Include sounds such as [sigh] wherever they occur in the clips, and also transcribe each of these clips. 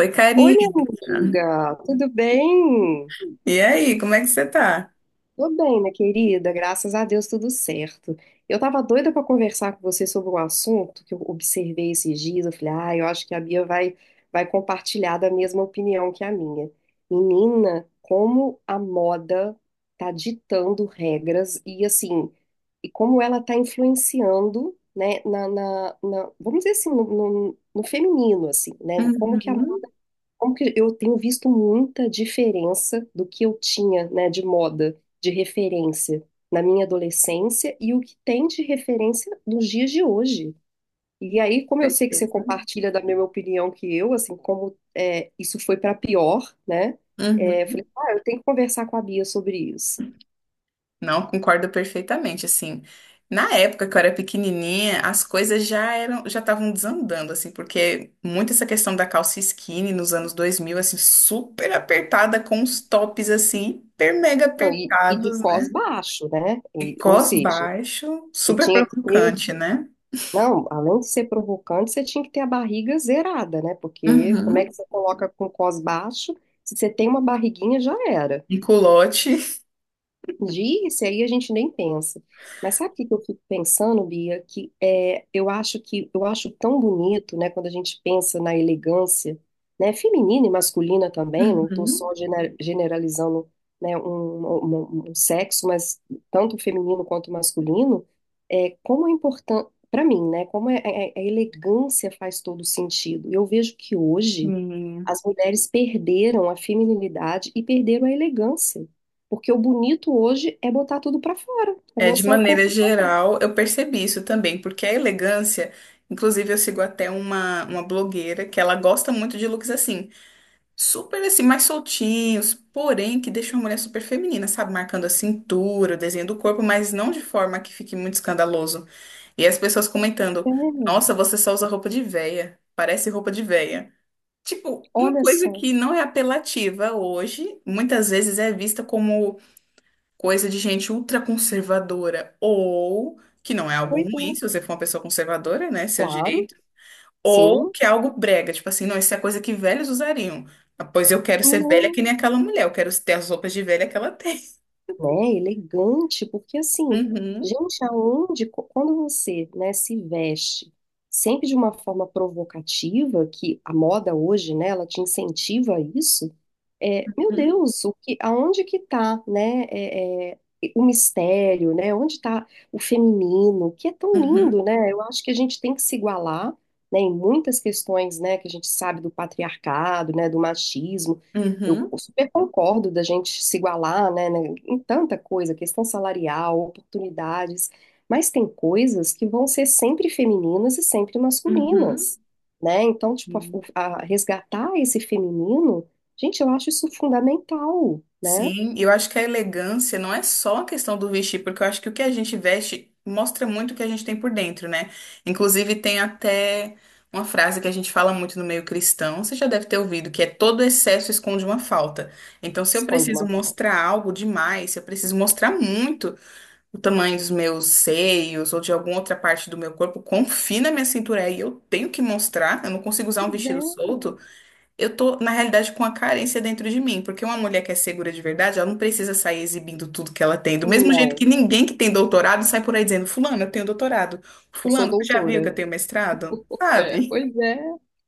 Oi, Oi, minha Karina. amiga, tudo bem? E aí, como é que você tá? Tô bem, minha querida, graças a Deus tudo certo. Eu tava doida pra conversar com você sobre um assunto que eu observei esses dias. Eu falei, ah, eu acho que a Bia vai compartilhar da mesma opinião que a minha. Menina, como a moda tá ditando regras e assim, e como ela tá influenciando, né, na vamos dizer assim, no feminino, assim, né? Uhum, Como que eu tenho visto muita diferença do que eu tinha, né, de moda, de referência na minha adolescência e o que tem de referência nos dias de hoje. E aí, como eu sei que você certeza. compartilha da mesma opinião que eu, assim, como é, isso foi para pior, né? É, eu falei, Uhum. ah, eu tenho que conversar com a Bia sobre isso. Não, concordo perfeitamente, assim. Na época que eu era pequenininha, as coisas já eram, já estavam desandando, assim, porque muito essa questão da calça skinny nos anos 2000 assim, super apertada, com os tops, assim, hiper mega Então, e de apertados, né? cós baixo, né? E Ou cós seja, baixo, você super tinha que ter provocante, né? Não, além de ser provocante, você tinha que ter a barriga zerada, né? Porque como é que Uhum. você coloca com cos baixo? Se você tem uma barriguinha, já era. Um culote. Disse, aí a gente nem pensa. Mas sabe o que que eu fico pensando, Bia? Que é, eu acho tão bonito, né, quando a gente pensa na elegância, né, feminina e masculina também, não estou Uhum. só generalizando, né, um sexo, mas tanto feminino quanto masculino, é como é importante para mim, né? Como é, a elegância faz todo sentido. Eu vejo que hoje as mulheres perderam a feminilidade e perderam a elegância. Porque o bonito hoje é botar tudo pra fora, é É, de mostrar o maneira corpo. geral, eu percebi isso também, porque a elegância, inclusive eu sigo até uma blogueira que ela gosta muito de looks assim, super assim, mais soltinhos, porém que deixam a mulher super feminina, sabe? Marcando a cintura, o desenho do corpo, mas não de forma que fique muito escandaloso. E as pessoas comentando, É, nossa, você só usa roupa de véia, parece roupa de véia. Tipo, uma olha coisa só. que não é apelativa hoje, muitas vezes é vista como coisa de gente ultraconservadora, ou que não é algo Pois é, ruim se você for uma pessoa conservadora, né, seu claro, direito, ou sim. que é algo brega, tipo assim, não, isso é coisa que velhos usariam. Ah, pois eu quero ser velha que nem aquela mulher, eu quero ter as roupas de velha que ela tem. Né, elegante, porque assim, Uhum, gente, aonde, quando você, né, se veste sempre de uma forma provocativa, que a moda hoje, né, ela te incentiva a isso, é, meu uhum, Deus, o que, aonde que tá, né, o mistério, né, onde tá o feminino, que é tão uhum, lindo, né, eu acho que a gente tem que se igualar, né, em muitas questões, né, que a gente sabe do patriarcado, né, do machismo, eu super concordo da gente se igualar, né, em tanta coisa, questão salarial, oportunidades, mas tem coisas que vão ser sempre femininas e sempre uhum, masculinas, né? Então, tipo, uhum. Resgatar esse feminino, gente, eu acho isso fundamental, né? Sim, eu acho que a elegância não é só a questão do vestir, porque eu acho que o que a gente veste mostra muito o que a gente tem por dentro, né? Inclusive, tem até uma frase que a gente fala muito no meio cristão, você já deve ter ouvido, que é todo excesso esconde uma falta. Então, se eu Esconde preciso uma pauta. mostrar algo demais, se eu preciso mostrar muito o tamanho dos meus seios ou de alguma outra parte do meu corpo, confina minha cintura aí, eu tenho que mostrar, eu não consigo usar um Pois é. vestido solto. Eu tô, na realidade, com a carência dentro de mim, porque uma mulher que é segura de verdade, ela não precisa sair exibindo tudo que ela tem. Do mesmo jeito Não, que ninguém que tem doutorado sai por aí dizendo, fulano, eu tenho doutorado. eu sou Fulano, você já viu que doutora. eu tenho mestrado? É, Sabe? pois é,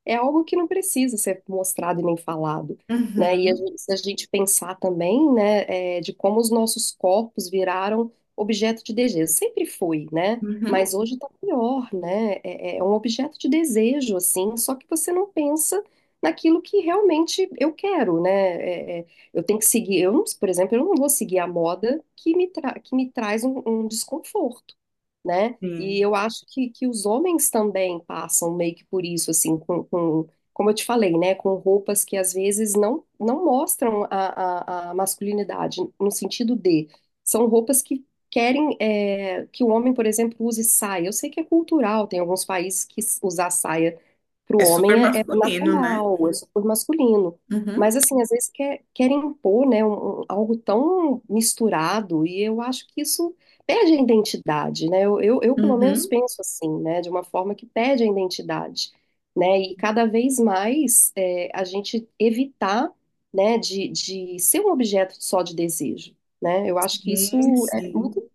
é algo que não precisa ser mostrado e nem falado, né? Uhum, Se a gente pensar também, né, é, de como os nossos corpos viraram objeto de desejo, sempre foi, né? Mas uhum, hoje tá pior, né? É é um objeto de desejo, assim, só que você não pensa naquilo que realmente eu quero, né? É, é, eu tenho que seguir, eu, não- por exemplo, eu não vou seguir a moda que me traz um desconforto, né? E sim. eu acho que os homens também passam meio que por isso, assim, como eu te falei, né? Com roupas que às vezes não mostram a masculinidade, no sentido de, são roupas que querem é, que o homem, por exemplo, use saia. Eu sei que é cultural, tem alguns países que usar saia para o É super homem é, é masculino, né? natural, é super masculino. Mas, Uhum, assim, às vezes querem impor, né, algo tão misturado, e eu acho que isso pede a identidade, né? Eu, pelo menos uhum. penso assim, né? De uma forma que pede a identidade, né? E cada vez mais é, a gente evitar, né? De ser um objeto só de desejo, né? Eu acho que isso Sim, é sim. muito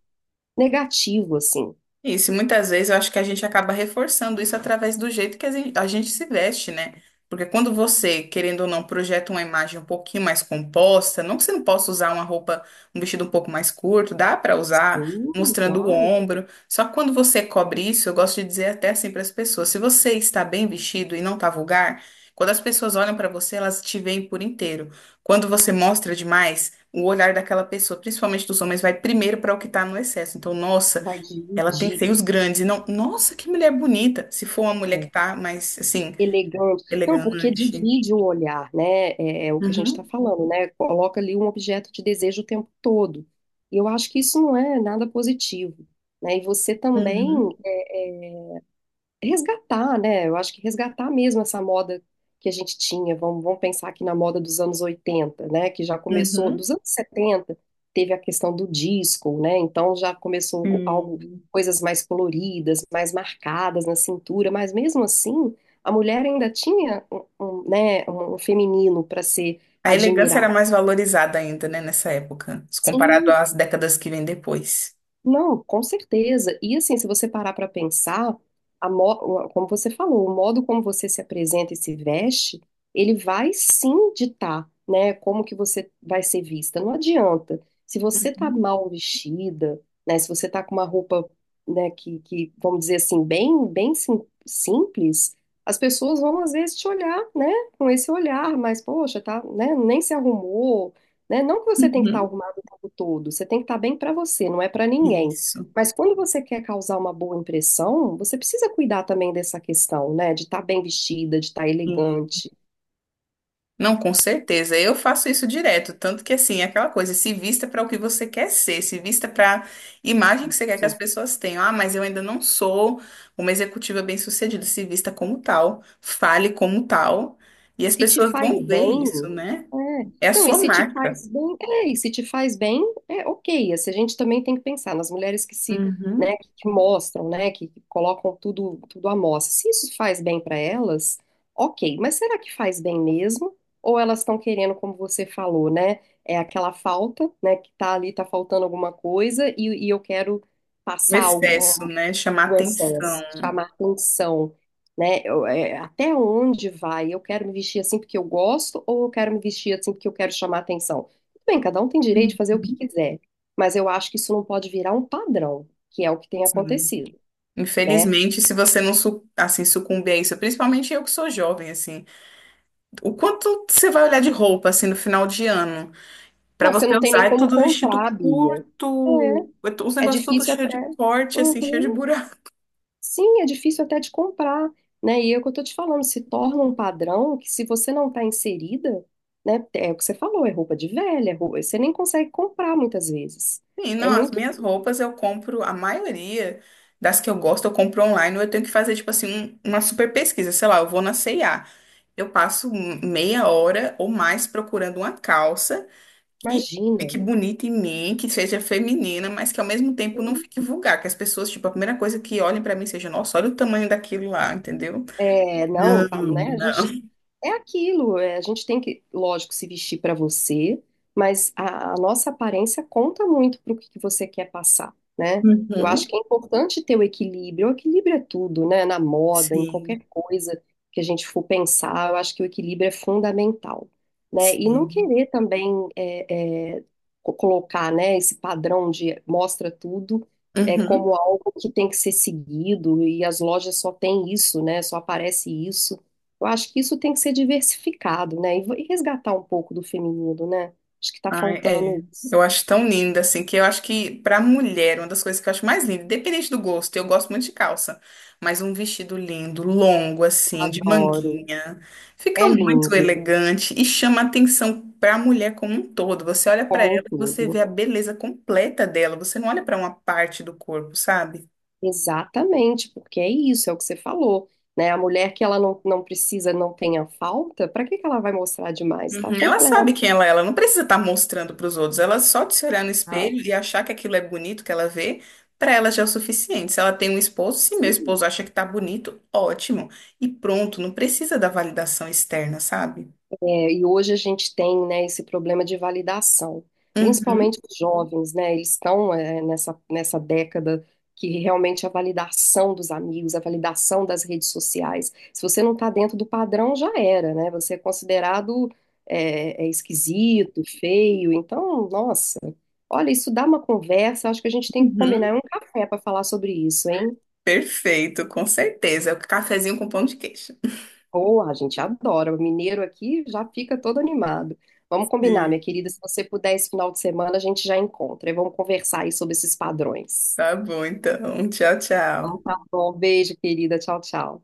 negativo, assim. Isso, e muitas vezes eu acho que a gente acaba reforçando isso através do jeito que a gente se veste, né? Porque quando você, querendo ou não, projeta uma imagem um pouquinho mais composta, não que você não possa usar uma roupa, um vestido um pouco mais curto, dá pra usar, Sim, mostrando o claro, ombro. Só que quando você cobre isso, eu gosto de dizer até assim para as pessoas, se você está bem vestido e não tá vulgar, quando as pessoas olham pra você, elas te veem por inteiro. Quando você mostra demais, o olhar daquela pessoa, principalmente dos homens, vai primeiro pra o que tá no excesso. Então, nossa, vai ela tem dividir. seios grandes e não. Nossa, que mulher bonita! Se for uma mulher que tá mais, assim, Elegante. Não, porque elegante. divide o olhar, né? É, é o que a gente está Uhum, falando, né? Coloca ali um objeto de desejo o tempo todo. E eu acho que isso não é nada positivo, né? E você também uhum, resgatar, né? Eu acho que resgatar mesmo essa moda que a gente tinha. Vamos pensar aqui na moda dos anos 80, né? Que já começou, uhum. dos anos 70 teve a questão do disco, né? Então já começou algo, Sim. coisas mais coloridas, mais marcadas na cintura, mas mesmo assim, a mulher ainda tinha um, né, um feminino para ser A elegância era admirada. mais valorizada ainda, né, nessa época, se comparado Sim, às décadas que vêm depois. não, com certeza. E assim, se você parar para pensar, como você falou, o modo como você se apresenta e se veste, ele vai sim ditar, né, como que você vai ser vista. Não adianta. Se você tá Uhum. mal vestida, né, se você tá com uma roupa, né, que vamos dizer assim, bem, simples, as pessoas vão às vezes te olhar, né, com esse olhar, mas poxa, tá, né, nem se arrumou, né? Não que você tem que estar Uhum. arrumado o tempo todo, você tem que estar bem para você, não é para ninguém. Isso. Mas quando você quer causar uma boa impressão, você precisa cuidar também dessa questão, né? De estar bem vestida, de estar elegante. Não, com certeza. Eu faço isso direto, tanto que assim, é aquela coisa, se vista para o que você quer ser, se vista para a imagem que você quer que as Isso. pessoas tenham. Ah, mas eu ainda não sou uma executiva bem-sucedida, se vista como tal, fale como tal, e as Se te pessoas faz vão ver isso, bem, né? é. É a Não, sua marca. E se te faz bem, é ok. Assim, a gente também tem que pensar nas mulheres que se, né, Uhum. que mostram, né, que colocam tudo, tudo à mostra. Se isso faz bem para elas, ok. Mas será que faz bem mesmo? Ou elas estão querendo, como você falou, né, é aquela falta, né, que tá ali, tá faltando alguma coisa e eu quero O passar excesso, né? Chamar o atenção. excesso, chamar atenção, né? Eu, é, até onde vai? Eu quero me vestir assim porque eu gosto ou eu quero me vestir assim porque eu quero chamar atenção? Tudo bem, cada um tem direito Uhum. de fazer o que quiser, mas eu acho que isso não pode virar um padrão, que é o que tem Sim. acontecido, né? Infelizmente, se você não assim sucumbir a isso, principalmente eu que sou jovem, assim, o quanto você vai olhar de roupa assim no final de ano? Pra Não, você você não tem usar, nem é como tudo vestido comprar, Bia. curto, os É, é negócios tudo difícil cheio até. de corte, assim, cheio de Uhum. buraco. [laughs] Sim, é difícil até de comprar, né? E é o que eu tô te falando, se torna um padrão que se você não tá inserida, né? É o que você falou, é roupa de velha, é roupa, você nem consegue comprar muitas vezes. E não, É as muito, minhas roupas eu compro, a maioria das que eu gosto, eu compro online, ou eu tenho que fazer, tipo assim, uma super pesquisa, sei lá, eu vou na C&A, eu passo um, meia hora ou mais procurando uma calça que imagina. fique bonita em mim, que seja feminina, mas que ao mesmo tempo não fique vulgar, que as pessoas, tipo, a primeira coisa que olhem pra mim seja, nossa, olha o tamanho daquilo lá, entendeu? É, não, Não, tá, né? A gente. não. É aquilo, é, a gente tem que, lógico, se vestir para você, mas a nossa aparência conta muito para o que que você quer passar, né? Eu acho que Uhum. é importante ter o equilíbrio. O equilíbrio é tudo, né? Na moda, em qualquer Sim. coisa que a gente for pensar, eu acho que o equilíbrio é fundamental, né? E não Sim. querer também colocar, né, esse padrão de mostra tudo é como Uhum. algo que tem que ser seguido e as lojas só têm isso, né? Só aparece isso. Eu acho que isso tem que ser diversificado, né? E e resgatar um pouco do feminino, né? Acho que tá Ai, é. faltando isso. Eu acho tão linda, assim, que eu acho que pra mulher, uma das coisas que eu acho mais linda, independente do gosto, eu gosto muito de calça, mas um vestido lindo, longo, Eu assim, de adoro. manguinha, fica É muito lindo, elegante e chama atenção pra mulher como um todo. Você olha pra como um ela e você vê todo. a beleza completa dela, você não olha pra uma parte do corpo, sabe? Exatamente, porque é isso, é o que você falou, né? A mulher que ela não, não precisa, não tenha falta, para que que ela vai mostrar demais? Tá Uhum, ela sabe completa. quem ela é, ela não precisa estar mostrando para os outros, ela só de se olhar no espelho e achar que aquilo é bonito que ela vê, para ela já é o suficiente. Se ela tem um esposo, se meu esposo acha que tá bonito, ótimo. E pronto, não precisa da validação externa, sabe? É, e hoje a gente tem, né, esse problema de validação, Uhum, principalmente os jovens, né, eles estão, é, nessa década que realmente a validação dos amigos, a validação das redes sociais, se você não está dentro do padrão, já era, né, você é considerado, é, é esquisito, feio, então, nossa, olha, isso dá uma conversa, acho que a gente tem que combinar uhum. é um café para falar sobre isso, hein? Perfeito, com certeza. É o cafezinho com pão de queijo. Ou a gente adora. O mineiro aqui já fica todo animado. Vamos combinar, minha Sim. querida. Se você puder, esse final de semana a gente já encontra. E vamos conversar aí sobre esses padrões. Tá bom, então. Tchau, Então tchau. tá bom. Beijo, querida. Tchau, tchau.